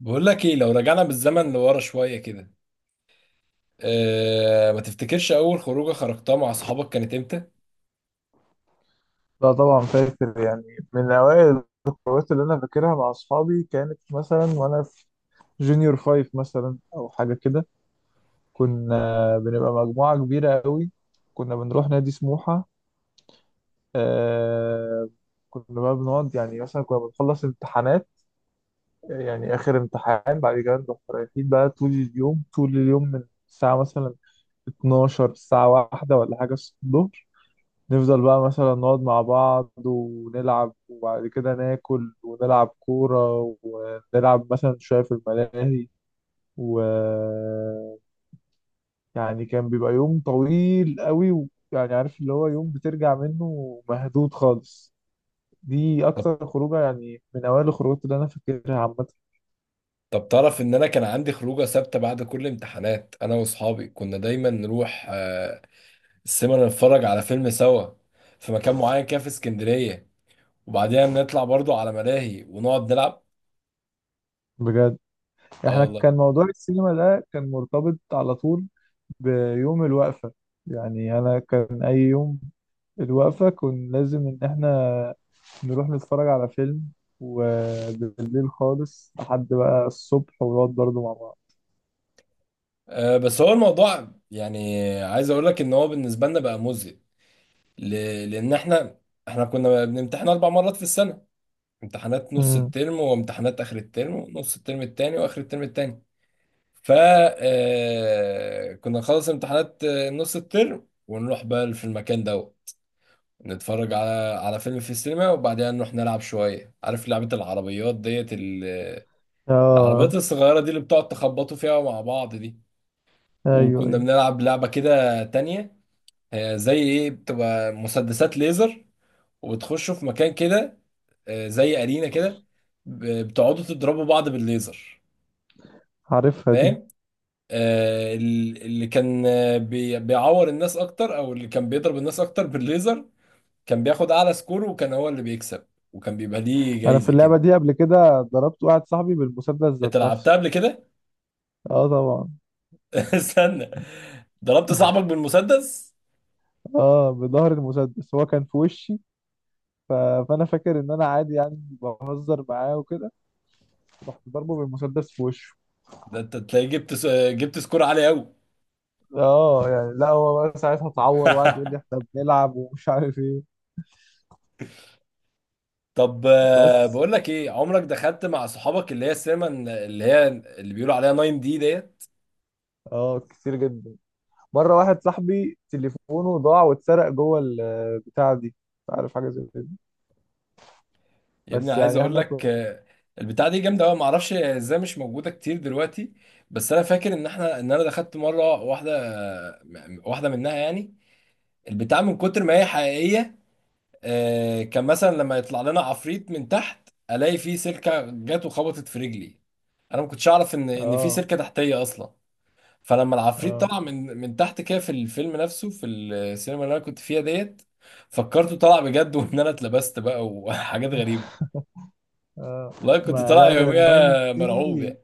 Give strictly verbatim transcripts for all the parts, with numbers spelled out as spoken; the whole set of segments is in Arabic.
بقول لك ايه؟ لو رجعنا بالزمن لورا شويه كده. أه، ما تفتكرش اول خروجه خرجتها مع صحابك كانت امتى؟ لا طبعا فاكر يعني من أوائل الخروجات اللي أنا فاكرها مع أصحابي كانت مثلا وأنا في جونيور فايف مثلا أو حاجة كده. كنا بنبقى مجموعة كبيرة قوي. كنا بنروح نادي سموحة. آه. كنا بقى بنقعد يعني مثلا كنا بنخلص امتحانات، يعني آخر امتحان بعد كده نروح رايحين بقى طول اليوم طول اليوم من الساعة مثلا اتناشر، الساعة واحدة ولا حاجة الصبح. نفضل بقى مثلا نقعد مع بعض ونلعب وبعد كده ناكل ونلعب كورة ونلعب مثلا شوية في الملاهي. و يعني كان بيبقى يوم طويل قوي، و... يعني عارف اللي هو يوم بترجع منه مهدود خالص. دي طب، أكتر خروجة يعني من أوائل الخروجات اللي أنا فاكرها عامة. طب تعرف ان انا كان عندي خروجه ثابته بعد كل امتحانات؟ انا واصحابي كنا دايما نروح أه السينما، نتفرج على فيلم سوا في مكان معين كده في اسكندريه، وبعدين نطلع برضو على ملاهي ونقعد نلعب. بجد. اه احنا والله. كان موضوع السينما ده كان مرتبط على طول بيوم الوقفة. يعني أنا كان أي يوم الوقفة كان لازم إن احنا نروح نتفرج على فيلم وبالليل خالص لحد بقى الصبح ونقعد برضه مع بعض. أه، بس هو الموضوع يعني عايز اقول لك ان هو بالنسبه لنا بقى مزهق. ل- لان احنا احنا كنا بنمتحن اربع مرات في السنه: امتحانات نص امم. الترم، وامتحانات اخر الترم، نص الترم التاني، واخر الترم التاني. ف آه، كنا نخلص امتحانات، آه، نص الترم، ونروح بقى في المكان ده، نتفرج على على فيلم في السينما، وبعدها نروح نلعب شوية. عارف لعبة العربيات ديت ال- اه. العربيات الصغيرة دي اللي بتقعد تخبطوا فيها مع بعض دي؟ ايوه وكنا ايوه. بنلعب لعبة كده تانية، آه، زي ايه، بتبقى مسدسات ليزر، وتخشوا في مكان كده، آه، زي ارينا كده، ب- بتقعدوا تضربوا بعض بالليزر. عارفها دي. فاهم؟ آه، ال- اللي كان آه، بي- بيعور الناس اكتر، او اللي كان بيضرب الناس اكتر بالليزر، كان بياخد اعلى سكور وكان هو اللي بيكسب، وكان بيبقى ليه انا في جايزة اللعبه كده. دي قبل كده ضربت واحد صاحبي بالمسدس انت ذات لعبتها نفسه. قبل كده؟ اه طبعا. استنى، ضربت صاحبك بالمسدس؟ اه بظهر المسدس هو كان في وشي. ف... فانا فاكر ان انا عادي يعني بهزر معاه وكده رحت ضربه بالمسدس في وشه. ده انت تلاقي جبت س- جبت سكور عالي قوي. اه يعني لا هو بقى ساعتها اتعور وقعد يقول لي احنا بنلعب ومش عارف ايه. طب، آه، بس. بقول لك ايه، عمرك دخلت مع صحابك اللي هي السينما اللي هي اللي بيقولوا عليها ناين دي ديت؟ اه كتير جدا. مره واحد صاحبي تليفونه ضاع واتسرق جوه البتاع دي مش عارف حاجه زي كده. يا ابني بس عايز يعني اقول احنا لك، كنا. آه، البتاعه دي جامده قوي، معرفش ازاي مش موجوده كتير دلوقتي. بس انا فاكر ان احنا ان انا دخلت مره واحده، آه، م- واحده منها يعني. البتاعه من كتر ما هي حقيقيه، آه، كان مثلا لما يطلع لنا عفريت من تحت، الاقي فيه سلكه جت وخبطت في رجلي. انا ما كنتش اعرف ان ان في اه. سلكه تحتيه اصلا. فلما العفريت اه. طلع من من تحت كده في الفيلم نفسه في السينما اللي انا كنت فيها ديت، فكرته طلع بجد. وان انا اتلبست بقى وحاجات غريبه. اه. والله كنت ما طالع لا هي الناين يوميها مرعوب دي يعني.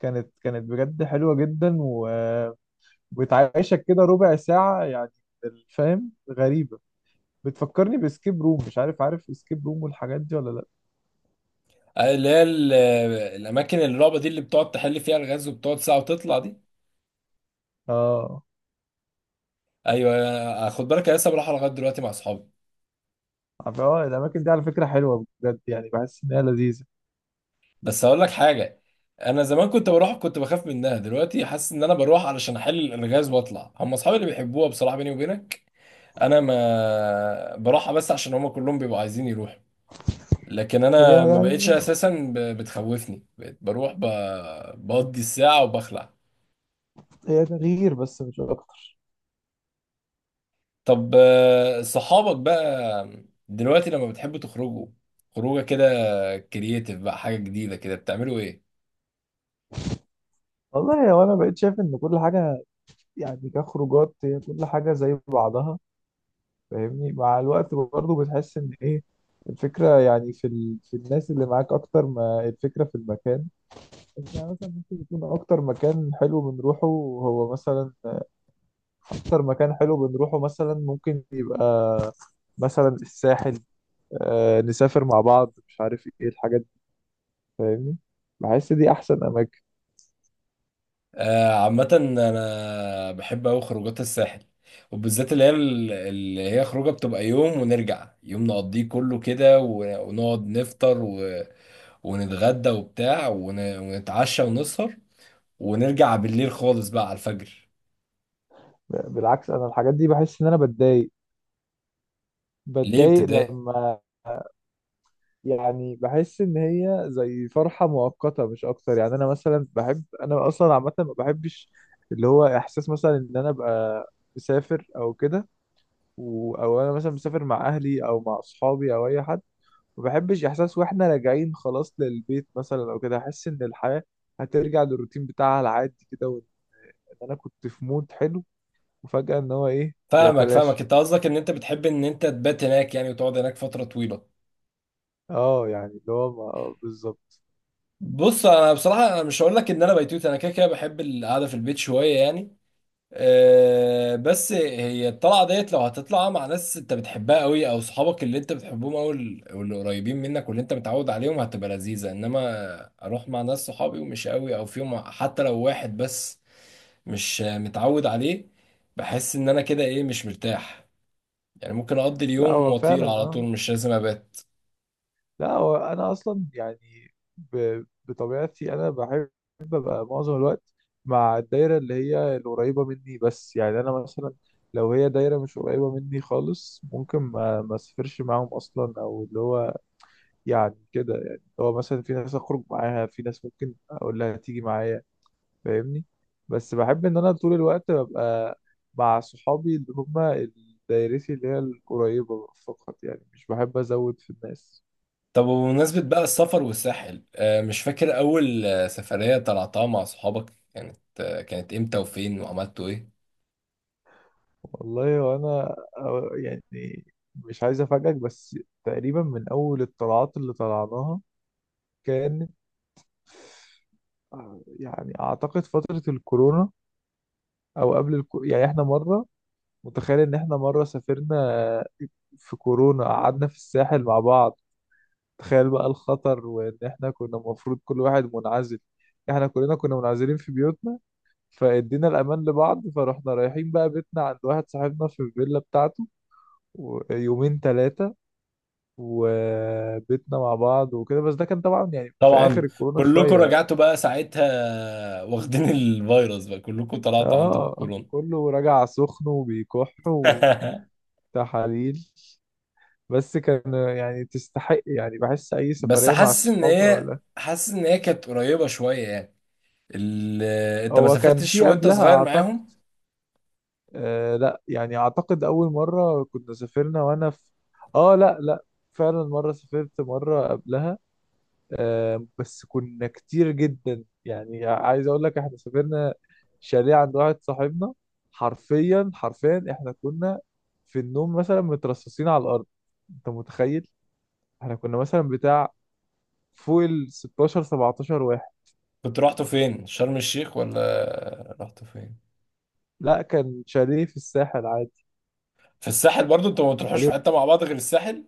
كانت كانت بجد حلوه جدا و... وبتعيشك كده ربع ساعه يعني. فاهم؟ غريبه. بتفكرني باسكيب روم، مش عارف عارف اسكيب روم والحاجات دي ولا لا؟ آه، اللي هي ال- الاماكن الرعب دي اللي بتقعد تحل فيها الغاز وبتقعد ساعه وتطلع دي؟ اه. ايوه، آه، خد بالك انا لسه بروحها لغايه دلوقتي مع اصحابي. عارف- اه، الاماكن دي على فكره حلوه بجد، يعني بحس ان هي لذيذه. بس هقول لك حاجه، انا زمان كنت بروح كنت بخاف منها، دلوقتي حاسس ان انا بروح علشان احل الغاز واطلع. هم اصحابي اللي بيحبوها، بصراحه بيني وبينك انا ما بروحها بس عشان هم كلهم بيبقوا عايزين يروحوا، لكن هي انا ما بقتش يعني اساسا ب- بتخوفني، بقيت بروح ب- بقضي الساعه وبخلع. هي تغيير بس مش اكتر. طب، آه، صحابك بقى دلوقتي لما بتحبوا تخرجوا خروجه كده كرييتيف بقى، حاجه جديده كده، بتعملوا ايه؟ والله هو انا بقيت شايف ان كل حاجه يعني كخروجات هي كل حاجه زي بعضها، فاهمني؟ مع الوقت برضه بتحس ان ايه، الفكره يعني في ال... في الناس اللي معاك اكتر ما الفكره في المكان. يعني مثلا ممكن يكون اكتر مكان حلو بنروحه هو مثلا اكتر مكان حلو بنروحه مثلا ممكن يبقى مثلا الساحل. آه، نسافر مع بعض مش عارف ايه الحاجات دي، فاهمني؟ بحس دي احسن اماكن. آه، عامه انا بحب اوي خروجات الساحل، وبالذات اللي هي ال- اللي هي خروجه بتبقى يوم ونرجع، يوم نقضيه كله كده و- ونقعد نفطر و- ونتغدى وبتاع ون- ونتعشى ونسهر، ونرجع بالليل خالص بقى على الفجر. بالعكس انا الحاجات دي بحس ان انا بتضايق. ليه بتضايق ابتدائي؟ لما، يعني بحس ان هي زي فرحه مؤقته مش اكتر. يعني انا مثلا بحب، انا اصلا عامه ما بحبش اللي هو احساس مثلا ان انا ابقى مسافر او كده، و... او انا مثلا مسافر مع اهلي او مع اصحابي او اي حد. ما بحبش احساس واحنا راجعين خلاص للبيت مثلا او كده، احس ان الحياه هترجع للروتين بتاعها العادي كده، وان انا كنت في مود حلو وفجاه ان هو ايه فاهمك، فاهمك، بيتلاشى. انت قصدك ان انت بتحب ان انت تبات هناك يعني وتقعد هناك فتره طويله. اه يعني اللي هو ما- آه بالظبط. بص انا بصراحه، انا مش هقول لك ان انا بيتوت، انا كده كده بحب القعده في البيت شويه يعني. أه، بس هي الطلعه ديت، لو هتطلع مع ناس انت بتحبها قوي، او صحابك اللي انت بتحبهم، او ال- واللي قريبين منك واللي انت متعود عليهم، هتبقى لذيذه. انما اروح مع ناس صحابي ومش قوي، او فيهم حتى لو واحد بس مش متعود عليه، بحس ان انا كده ايه، مش مرتاح يعني. ممكن اقضي لا اليوم هو واطير فعلا على آه. طول، مش لازم ابات. لا هو انا اصلا يعني ب... بطبيعتي انا بحب ابقى معظم الوقت مع الدايره اللي هي القريبه مني. بس يعني انا مثلا لو هي دايره مش قريبه مني خالص ممكن ما ما اسافرش معاهم اصلا، او اللي هو يعني كده يعني اللي هو مثلا في ناس اخرج معاها، في ناس ممكن اقول لها تيجي معايا، فاهمني؟ بس بحب ان انا طول الوقت ببقى مع صحابي اللي هم دايرتي اللي هي القريبه فقط، يعني مش بحب ازود في الناس. طب، وبمناسبة بقى السفر والساحل، آه، مش فاكر أول آه، سفرية طلعتها مع صحابك كانت، آه، كانت إمتى وفين وعملتوا إيه؟ والله وانا أو- يعني مش عايز افاجئك، بس تقريبا من اول الطلعات اللي طلعناها كانت، آه، يعني اعتقد فترة الكورونا او قبل الكو... يعني احنا مرة، متخيل ان احنا مرة سافرنا في كورونا قعدنا في الساحل مع بعض. تخيل بقى الخطر، وان احنا كنا المفروض كل واحد منعزل. احنا كلنا كنا منعزلين في بيوتنا فادينا الامان لبعض، فروحنا رايحين بقى بيتنا عند واحد صاحبنا في الفيلا بتاعته، ويومين ثلاثة وبيتنا مع بعض وكده. بس ده كان طبعا يعني في اخر طبعا. الكورونا كلكم شوية يعني. رجعتوا بقى ساعتها واخدين الفيروس بقى، كلكم طلعتوا عندكم اه كورونا. كله راجع سخن وبيكح وتحاليل. بس كان يعني تستحق، يعني بحس اي بس سفرية مع حاسس إن الصحاب او هي، لا. حاسس إن هي كانت قريبة شوية يعني. ال... آه، أنت ما هو كان سافرتش في وأنت قبلها صغير اعتقد. معاهم؟ آه لا، يعني اعتقد اول مرة كنا سافرنا وانا في. اه لا لا. فعلا مرة سافرت مرة قبلها. آه، بس كنا كتير جدا، يعني عايز اقول لك احنا سافرنا شاليه عند واحد صاحبنا. حرفيا حرفيا احنا كنا في النوم مثلا مترصصين على الارض. انت متخيل؟ احنا كنا مثلا بتاع فوق ال ستاشر سبعتاشر واحد. كنت رحتوا فين؟ شرم الشيخ ولا رحتوا فين؟ لا كان شاليه في الساحل عادي. في الساحل برضو؟ أنتوا ما بتروحوش في شاليه. حتة مع بعض غير الساحل؟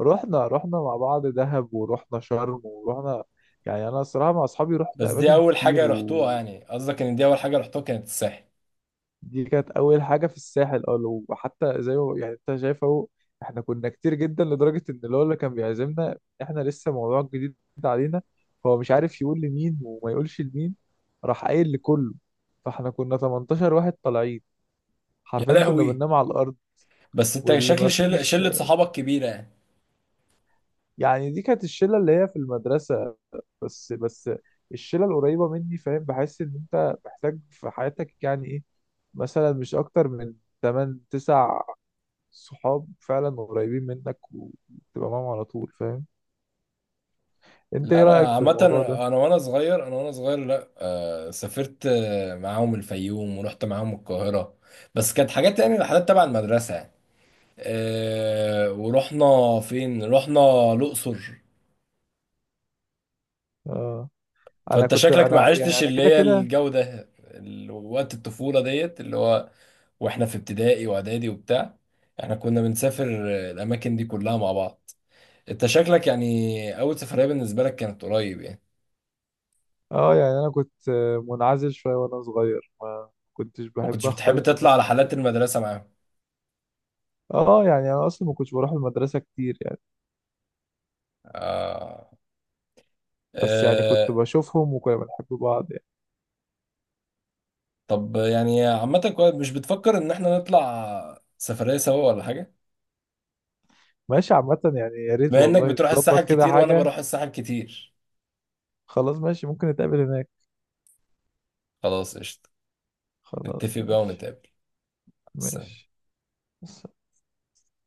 رحنا رحنا مع بعض دهب، ورحنا شرم، ورحنا يعني انا الصراحه مع اصحابي رحت بس دي اماكن اول كتير حاجه رحتوها و... يعني؟ قصدك ان دي اول حاجه رحتوها كانت الساحل؟ دي كانت اول حاجه في الساحل. اه لو- وحتى زي ما يعني انت شايف اهو، احنا كنا كتير جدا لدرجه ان اللي هو اللي كان بيعزمنا احنا لسه موضوع جديد علينا، هو مش عارف يقول لمين وما يقولش لمين راح قايل لكله. فاحنا كنا تمنتاشر واحد طالعين، يا حرفيا كنا لهوي، بننام على الارض بس انت واللي ما شكل شل... فيش. شله صحابك كبيره يعني. يعني دي كانت الشله اللي هي في المدرسه. بس بس الشله القريبه مني. فاهم؟ بحس ان انت محتاج في حياتك يعني ايه، مثلا مش اكتر من ثمانية تسعة صحاب فعلا قريبين منك وتبقى معاهم على طول، فاهم؟ انت لا ايه رأيك انا في عامه، الموضوع ده؟ انا وانا صغير انا وانا صغير لا، آه، سافرت، آه، معاهم الفيوم، ورحت معاهم القاهره، بس كانت حاجات يعني رحلات تبع المدرسه يعني. آه، ورحنا فين؟ رحنا الاقصر. اه انا فانت كنت شكلك ما انا يعني عشتش انا اللي كده هي كده. الجو ده ال- وقت الطفولة ديت، اللي هو واحنا في ابتدائي واعدادي وبتاع احنا كنا بنسافر الاماكن دي كلها مع بعض. انت شكلك يعني اول سفرية بالنسبة لك كانت قريب يعني. اه يعني انا كنت آه، منعزل شوية وانا صغير، ما كنتش ما كنتش بحب بتحب اختلط تطلع بالناس على كتير. حالات المدرسة معاهم؟ اه يعني انا اصلا ما كنتش بروح المدرسة كتير يعني. آه. بس يعني كنت آه. بشوفهم وكنا بنحب بعض يعني. طب، يعني عامة كويس، مش بتفكر ان احنا نطلع سفرية سوا ولا حاجة؟ ماشي، عامة يعني يا ريت بما انك والله بتروح الساحل نظبط كده كتير، وانا حاجة. بروح الساحل كتير. خلاص ماشي، ممكن نتقابل هناك. خلاص، قشطة. خلاص نتفق بقى ماشي. ونتقابل. سلام. ماشي.